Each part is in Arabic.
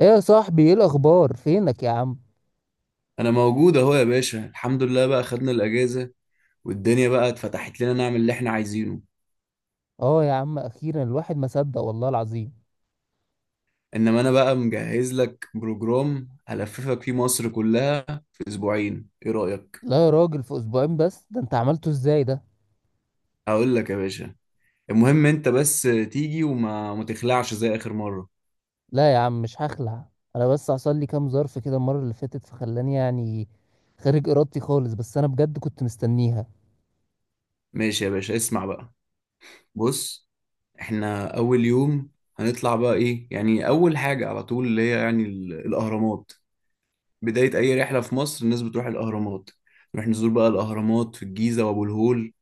ايه يا صاحبي، ايه الاخبار؟ فينك يا عم؟ انا موجود اهو يا باشا، الحمد لله بقى خدنا الاجازه. والدنيا بقى اتفتحت لنا نعمل اللي احنا عايزينه. اه يا عم، اخيرا الواحد ما صدق، والله العظيم. انما انا بقى مجهز لك بروجرام هلففك فيه مصر كلها في اسبوعين، ايه رايك؟ لا يا راجل، في اسبوعين بس؟ ده انت عملته ازاي ده؟ هقول لك يا باشا. المهم انت بس تيجي وما ما تخلعش زي اخر مره. لا يا عم، مش هخلع. انا بس حصل لي كام ظرف كده المره اللي فاتت، فخلاني يعني خارج ارادتي خالص. بس انا بجد كنت مستنيها. ماشي يا باشا، اسمع بقى. بص، احنا اول يوم هنطلع بقى ايه يعني، اول حاجه على طول اللي هي يعني الاهرامات. بدايه اي رحله في مصر الناس بتروح الاهرامات. نروح نزور بقى الاهرامات في الجيزه وابو الهول،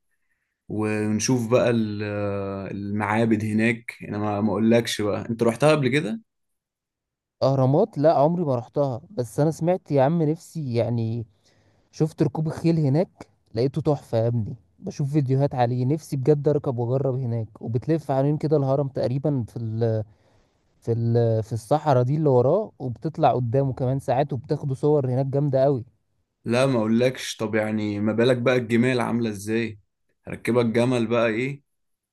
ونشوف بقى المعابد هناك. انا ما اقولكش بقى، انت رحتها قبل كده؟ اهرامات، لا، عمري ما رحتها، بس انا سمعت يا عم. نفسي يعني، شفت ركوب الخيل هناك، لقيته تحفه يا ابني. بشوف فيديوهات عليه، نفسي بجد اركب واجرب هناك، وبتلف حوالين كده الهرم تقريبا في في الصحراء دي اللي وراه، وبتطلع قدامه كمان ساعات، وبتاخدوا صور هناك جامدة قوي. لا ما اقولكش. طب يعني ما بالك بقى الجمال عاملة ازاي، هركبك جمل بقى. ايه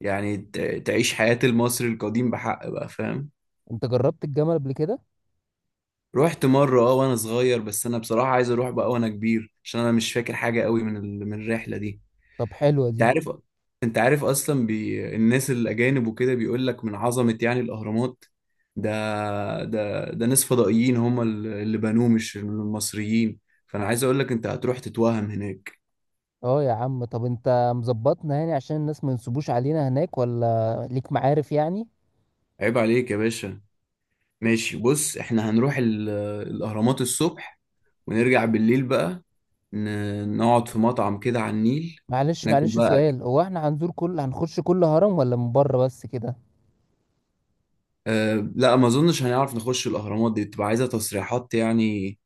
يعني تعيش حياة المصري القديم بحق بقى، فاهم؟ انت جربت الجمل قبل كده؟ رحت مرة اه وانا صغير، بس انا بصراحة عايز اروح بقى وانا كبير عشان انا مش فاكر حاجة قوي من من الرحلة دي. طب حلوة انت دي. عارف، انت عارف اصلا الناس الاجانب وكده بيقول لك من عظمه يعني الاهرامات. ده ده ناس فضائيين هم اللي بنوه مش المصريين. فانا عايز اقول لك انت هتروح تتوهم هناك. اه يا عم. طب انت مظبطنا يعني عشان الناس ما ينصبوش علينا هناك؟ ولا ليك معارف يعني؟ عيب عليك يا باشا. ماشي، بص، احنا هنروح الاهرامات الصبح ونرجع بالليل بقى. نقعد في مطعم كده على النيل، معلش ناكل معلش، بقى أكل. سؤال، هو احنا هنزور كل هنخش كل هرم ولا من بره بس كده؟ لا ما اظنش هنعرف نخش الاهرامات، دي تبقى عايزه تصريحات يعني.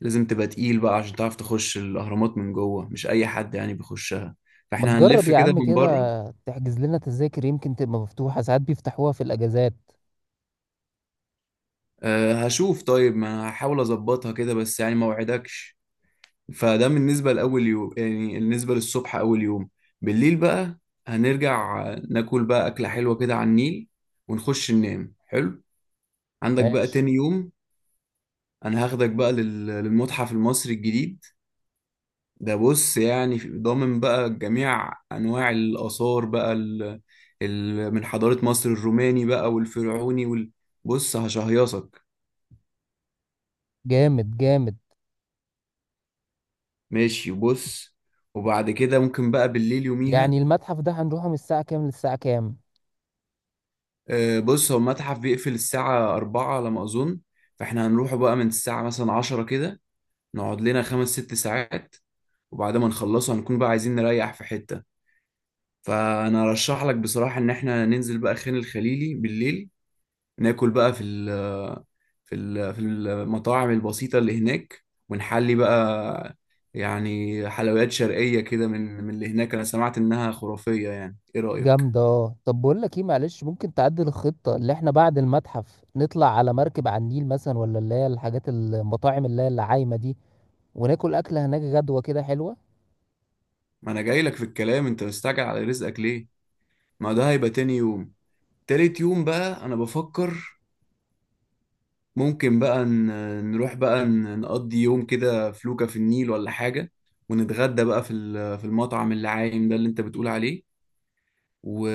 لازم تبقى تقيل بقى عشان تعرف تخش الأهرامات من جوه، مش أي حد يعني بيخشها. ما فاحنا تجرب هنلف يا كده عم من كده، بره. تحجز لنا تذاكر، يمكن تبقى مفتوحة، ساعات بيفتحوها في الأجازات. أه هشوف، طيب ما هحاول أظبطها كده بس يعني ما وعدكش. فده بالنسبة لأول يوم، يعني بالنسبة للصبح أول يوم. بالليل بقى هنرجع، ناكل بقى أكلة حلوة كده على النيل، ونخش ننام. حلو. عندك بقى ماشي. تاني يوم، أنا هاخدك بقى للمتحف المصري الجديد. ده بص يعني ضامن بقى جميع انواع الاثار بقى من حضاره مصر الروماني بقى والفرعوني بص هشهيصك. جامد جامد. ماشي بص، وبعد كده ممكن بقى بالليل يعني يوميها. المتحف ده هنروحه من الساعة كام للساعة كام؟ بص، هو المتحف بيقفل الساعه 4 على ما اظن، فاحنا هنروحه بقى من الساعه مثلا 10 كده، نقعد لنا خمس ست ساعات. وبعد ما نخلصه هنكون بقى عايزين نريح في حته. فانا ارشح لك بصراحه ان احنا ننزل بقى خان الخليلي بالليل، ناكل بقى في المطاعم البسيطة اللي هناك ونحلي بقى. يعني حلويات شرقية كده من اللي هناك، أنا سمعت إنها خرافية يعني. إيه رأيك؟ جامدة، اه. طب بقول لك ايه، معلش، ممكن تعدل الخطة؟ اللي احنا بعد المتحف نطلع على مركب على النيل مثلا، ولا اللي هي الحاجات المطاعم اللي هي العايمة دي، وناكل أكلة هناك غدوة كده حلوة. ما أنا جاي لك في الكلام، أنت مستعجل على رزقك ليه؟ ما ده هيبقى تاني يوم. تالت يوم بقى أنا بفكر ممكن بقى نروح بقى نقضي يوم كده فلوكة في النيل ولا حاجة، ونتغدى بقى في المطعم اللي عايم ده اللي أنت بتقول عليه. و...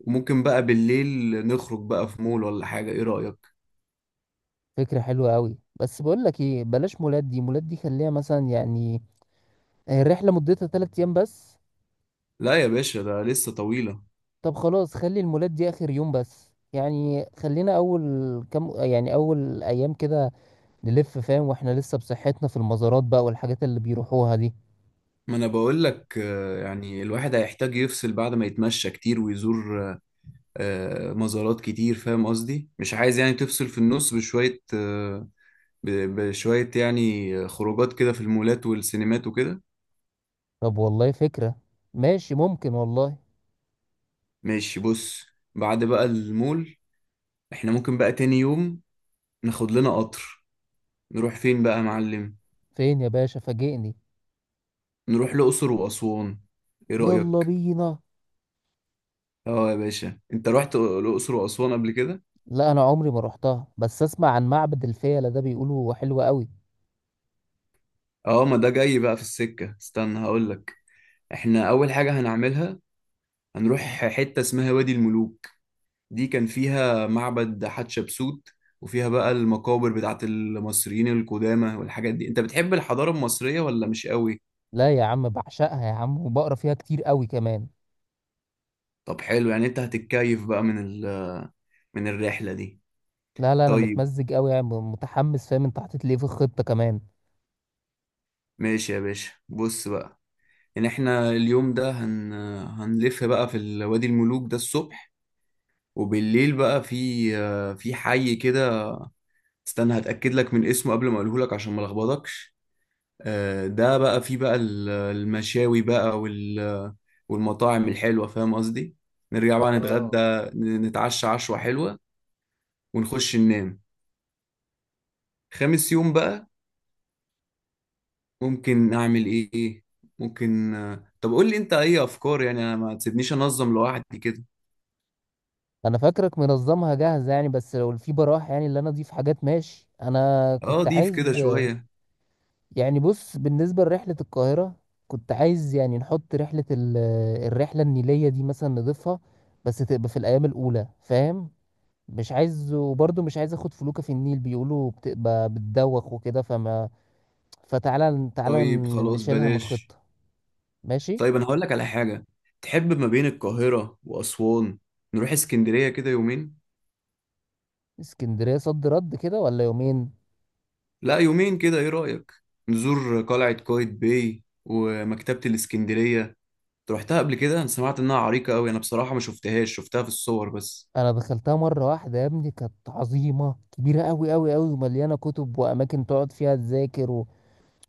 وممكن بقى بالليل نخرج بقى في مول ولا حاجة. ايه رأيك؟ فكرة حلوة قوي. بس بقول لك ايه، بلاش مولات. دي مولات دي خليها مثلا يعني، الرحلة مدتها 3 أيام بس. لا يا باشا، ده لسه طويلة. طب خلاص، خلي المولات دي آخر يوم بس يعني، خلينا أول كم يعني، أول أيام كده نلف، فاهم؟ واحنا لسه بصحتنا في المزارات بقى والحاجات اللي بيروحوها دي. ما انا بقول لك يعني الواحد هيحتاج يفصل بعد ما يتمشى كتير ويزور مزارات كتير، فاهم قصدي؟ مش عايز يعني تفصل في النص بشوية، ب- بشوية، يعني خروجات كده في المولات والسينمات وكده. طب والله فكرة. ماشي، ممكن والله. ماشي بص. بعد بقى المول احنا ممكن بقى تاني يوم ناخد لنا قطر. نروح فين بقى يا معلم؟ فين يا باشا؟ فاجئني. نروح الأقصر وأسوان، إيه يلا رأيك؟ بينا. اه يا باشا، انت رحت الأقصر وأسوان قبل كده؟ لا، انا عمري ما رحتها، بس اسمع عن معبد الفيلة ده، بيقولوا حلو قوي. اه ما ده جاي بقى في السكة، استنى هقولك. احنا أول حاجة هنعملها هنروح حتة اسمها وادي الملوك. دي كان فيها معبد حتشبسوت، وفيها بقى المقابر بتاعت المصريين القدامى والحاجات دي. انت بتحب الحضارة المصرية ولا مش قوي؟ لا يا عم، بعشقها يا عم، وبقرا فيها كتير قوي كمان. طب حلو، يعني انت هتتكيف بقى من من الرحلة دي. لا لا، انا طيب متمزج قوي يعني، متحمس، فاهم؟ انت حطيت لي إيه في الخطة كمان؟ ماشي يا باشا، بص بقى ان احنا اليوم ده هنلف بقى في وادي الملوك ده الصبح، وبالليل بقى في حي كده. استنى هتأكد لك من اسمه قبل ما اقوله لك عشان ما لخبطكش. ده بقى فيه بقى المشاوي بقى والمطاعم الحلوة، فاهم قصدي. نرجع بقى نتغدى، اه. نتعشى عشوة حلوة ونخش ننام. خامس يوم بقى ممكن نعمل ايه؟ ممكن طب قول لي انت اي افكار، يعني انا ما تسيبنيش انظم لوحدي كده. انا فاكرك منظمها جاهزة يعني، بس لو في براح يعني اللي انا اضيف حاجات، ماشي. انا اه كنت ضيف كده عايز شوية. يعني، بص، بالنسبة لرحلة القاهرة، كنت عايز يعني نحط الرحلة النيلية دي مثلا نضيفها، بس تبقى في الأيام الأولى، فاهم؟ مش عايز، وبرضه مش عايز أخد فلوكة في النيل، بيقولوا بتبقى بتدوخ وكده، فما فتعالى تعالى طيب خلاص نشيلها من بلاش. الخطة. ماشي. طيب انا هقول لك على حاجه، تحب ما بين القاهره واسوان نروح اسكندريه كده يومين؟ اسكندرية، صد رد كده ولا يومين؟ لا يومين كده، ايه رايك؟ نزور قلعه قايتباي ومكتبه الاسكندريه. أنت روحتها قبل كده؟ انا سمعت انها عريقه قوي، انا بصراحه ما شفتهاش، شفتها في الصور بس. أنا دخلتها مرة واحدة يا ابني، كانت عظيمة كبيرة أوي أوي أوي، ومليانة كتب وأماكن تقعد فيها، تذاكر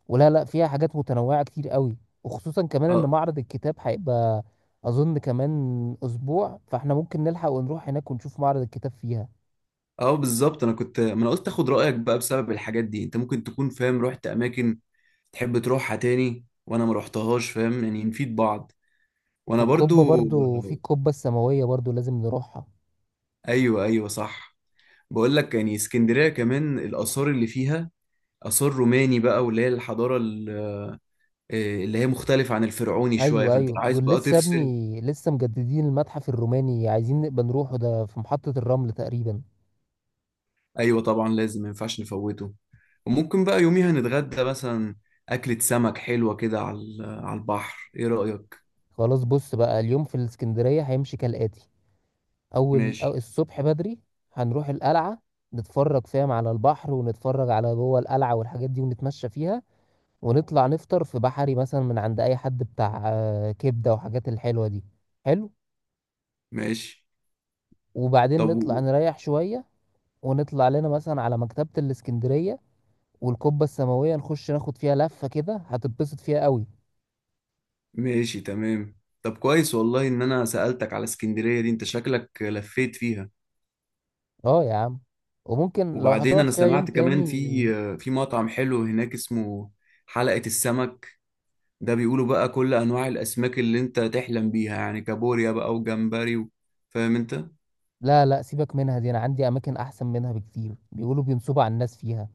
ولا لا، فيها حاجات متنوعة كتير قوي. وخصوصا كمان ان اه، معرض الكتاب هيبقى، اظن، كمان اسبوع، فاحنا ممكن نلحق ونروح هناك ونشوف معرض الكتاب فيها. اه بالظبط، انا كنت، ما انا قلت اخد رايك بقى بسبب الحاجات دي، انت ممكن تكون فاهم رحت اماكن تحب تروحها تاني وانا ما رحتهاش، فاهم يعني نفيد بعض. وانا والقبة برضو. برضو، في القبة السماوية برضو لازم نروحها. ايوه، ايوه، صح. بقول لك يعني اسكندرية كمان الآثار اللي فيها آثار روماني بقى واللي هي الحضارة اللي هي مختلفة عن الفرعوني شوية، ايوه فأنت لو ايوه، عايز دول بقى لسه يا تفصل. ابني، لسه مجددين المتحف الروماني، عايزين نبقى نروحه، ده في محطة الرمل تقريبا. أيوة طبعا لازم، ما ينفعش نفوته. وممكن بقى يوميها نتغدى مثلا أكلة سمك حلوة كده على على البحر، إيه رأيك؟ خلاص، بص بقى، اليوم في الاسكندرية هيمشي كالآتي: اول، أو ماشي، الصبح بدري، هنروح القلعة، نتفرج، فاهم، على البحر، ونتفرج على جوه القلعة والحاجات دي، ونتمشى فيها. ونطلع نفطر في بحري مثلا، من عند اي حد بتاع كبده وحاجات الحلوه دي. حلو. ماشي. وبعدين طب نطلع نريح شويه. ونطلع لنا مثلا على مكتبه الاسكندريه والقبه السماويه، نخش ناخد فيها لفه كده، هتتبسط فيها قوي. ماشي تمام. طب كويس والله إن أنا سألتك على اسكندرية دي، أنت شكلك لفيت فيها. اه يا عم. وممكن لو وبعدين هتقعد أنا فيها يوم سمعت تاني. كمان في مطعم حلو هناك اسمه حلقة السمك. ده بيقولوا بقى كل انواع الاسماك اللي انت تحلم بيها، يعني كابوريا بقى وجمبري فاهم انت. لا لا، سيبك منها دي، انا عندي اماكن احسن منها بكتير، بيقولوا بينصبوا على الناس فيها،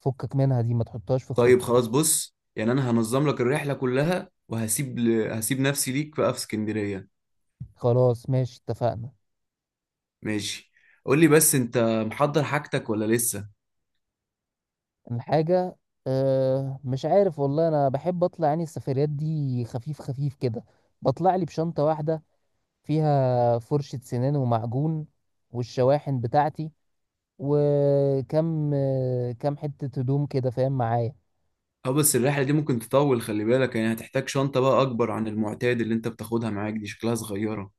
فكك منها دي، ما تحطهاش في طيب الخطه. خلاص بص، يعني انا هنظم لك الرحله كلها وهسيب هسيب نفسي ليك بقى في اسكندريه. خلاص، ماشي، اتفقنا. ماشي، قول لي بس انت محضر حاجتك ولا لسه؟ الحاجة، أه، مش عارف والله، أنا بحب أطلع يعني السفريات دي خفيف خفيف كده. بطلع لي بشنطة واحدة، فيها فرشة سنان ومعجون، والشواحن بتاعتي، وكم آه، كم حتة هدوم كده، فاهم معايا؟ اه بس الرحله دي ممكن تطول، خلي بالك يعني هتحتاج شنطه بقى اكبر عن المعتاد، اللي انت بتاخدها معاك دي شكلها صغيره.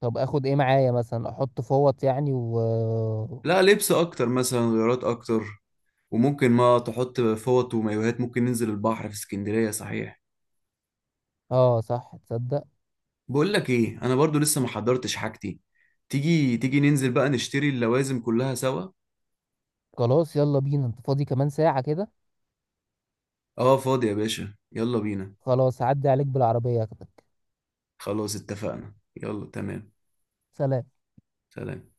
طب أخد إيه معايا مثلا؟ أحط فوط يعني، و لا لبس اكتر مثلا، غيارات اكتر. وممكن ما تحط فوط ومايوهات، ممكن ننزل البحر في اسكندريه صحيح. صح، تصدق؟ بقول لك ايه، انا برضو لسه ما حضرتش حاجتي. تيجي، تيجي ننزل بقى نشتري اللوازم كلها سوا. خلاص، يلا بينا. أنت فاضي كمان ساعة كده؟ اه فاضي يا باشا، يلا بينا. خلاص، هعدي عليك بالعربية أخدك. خلاص اتفقنا، يلا تمام. سلام. سلام.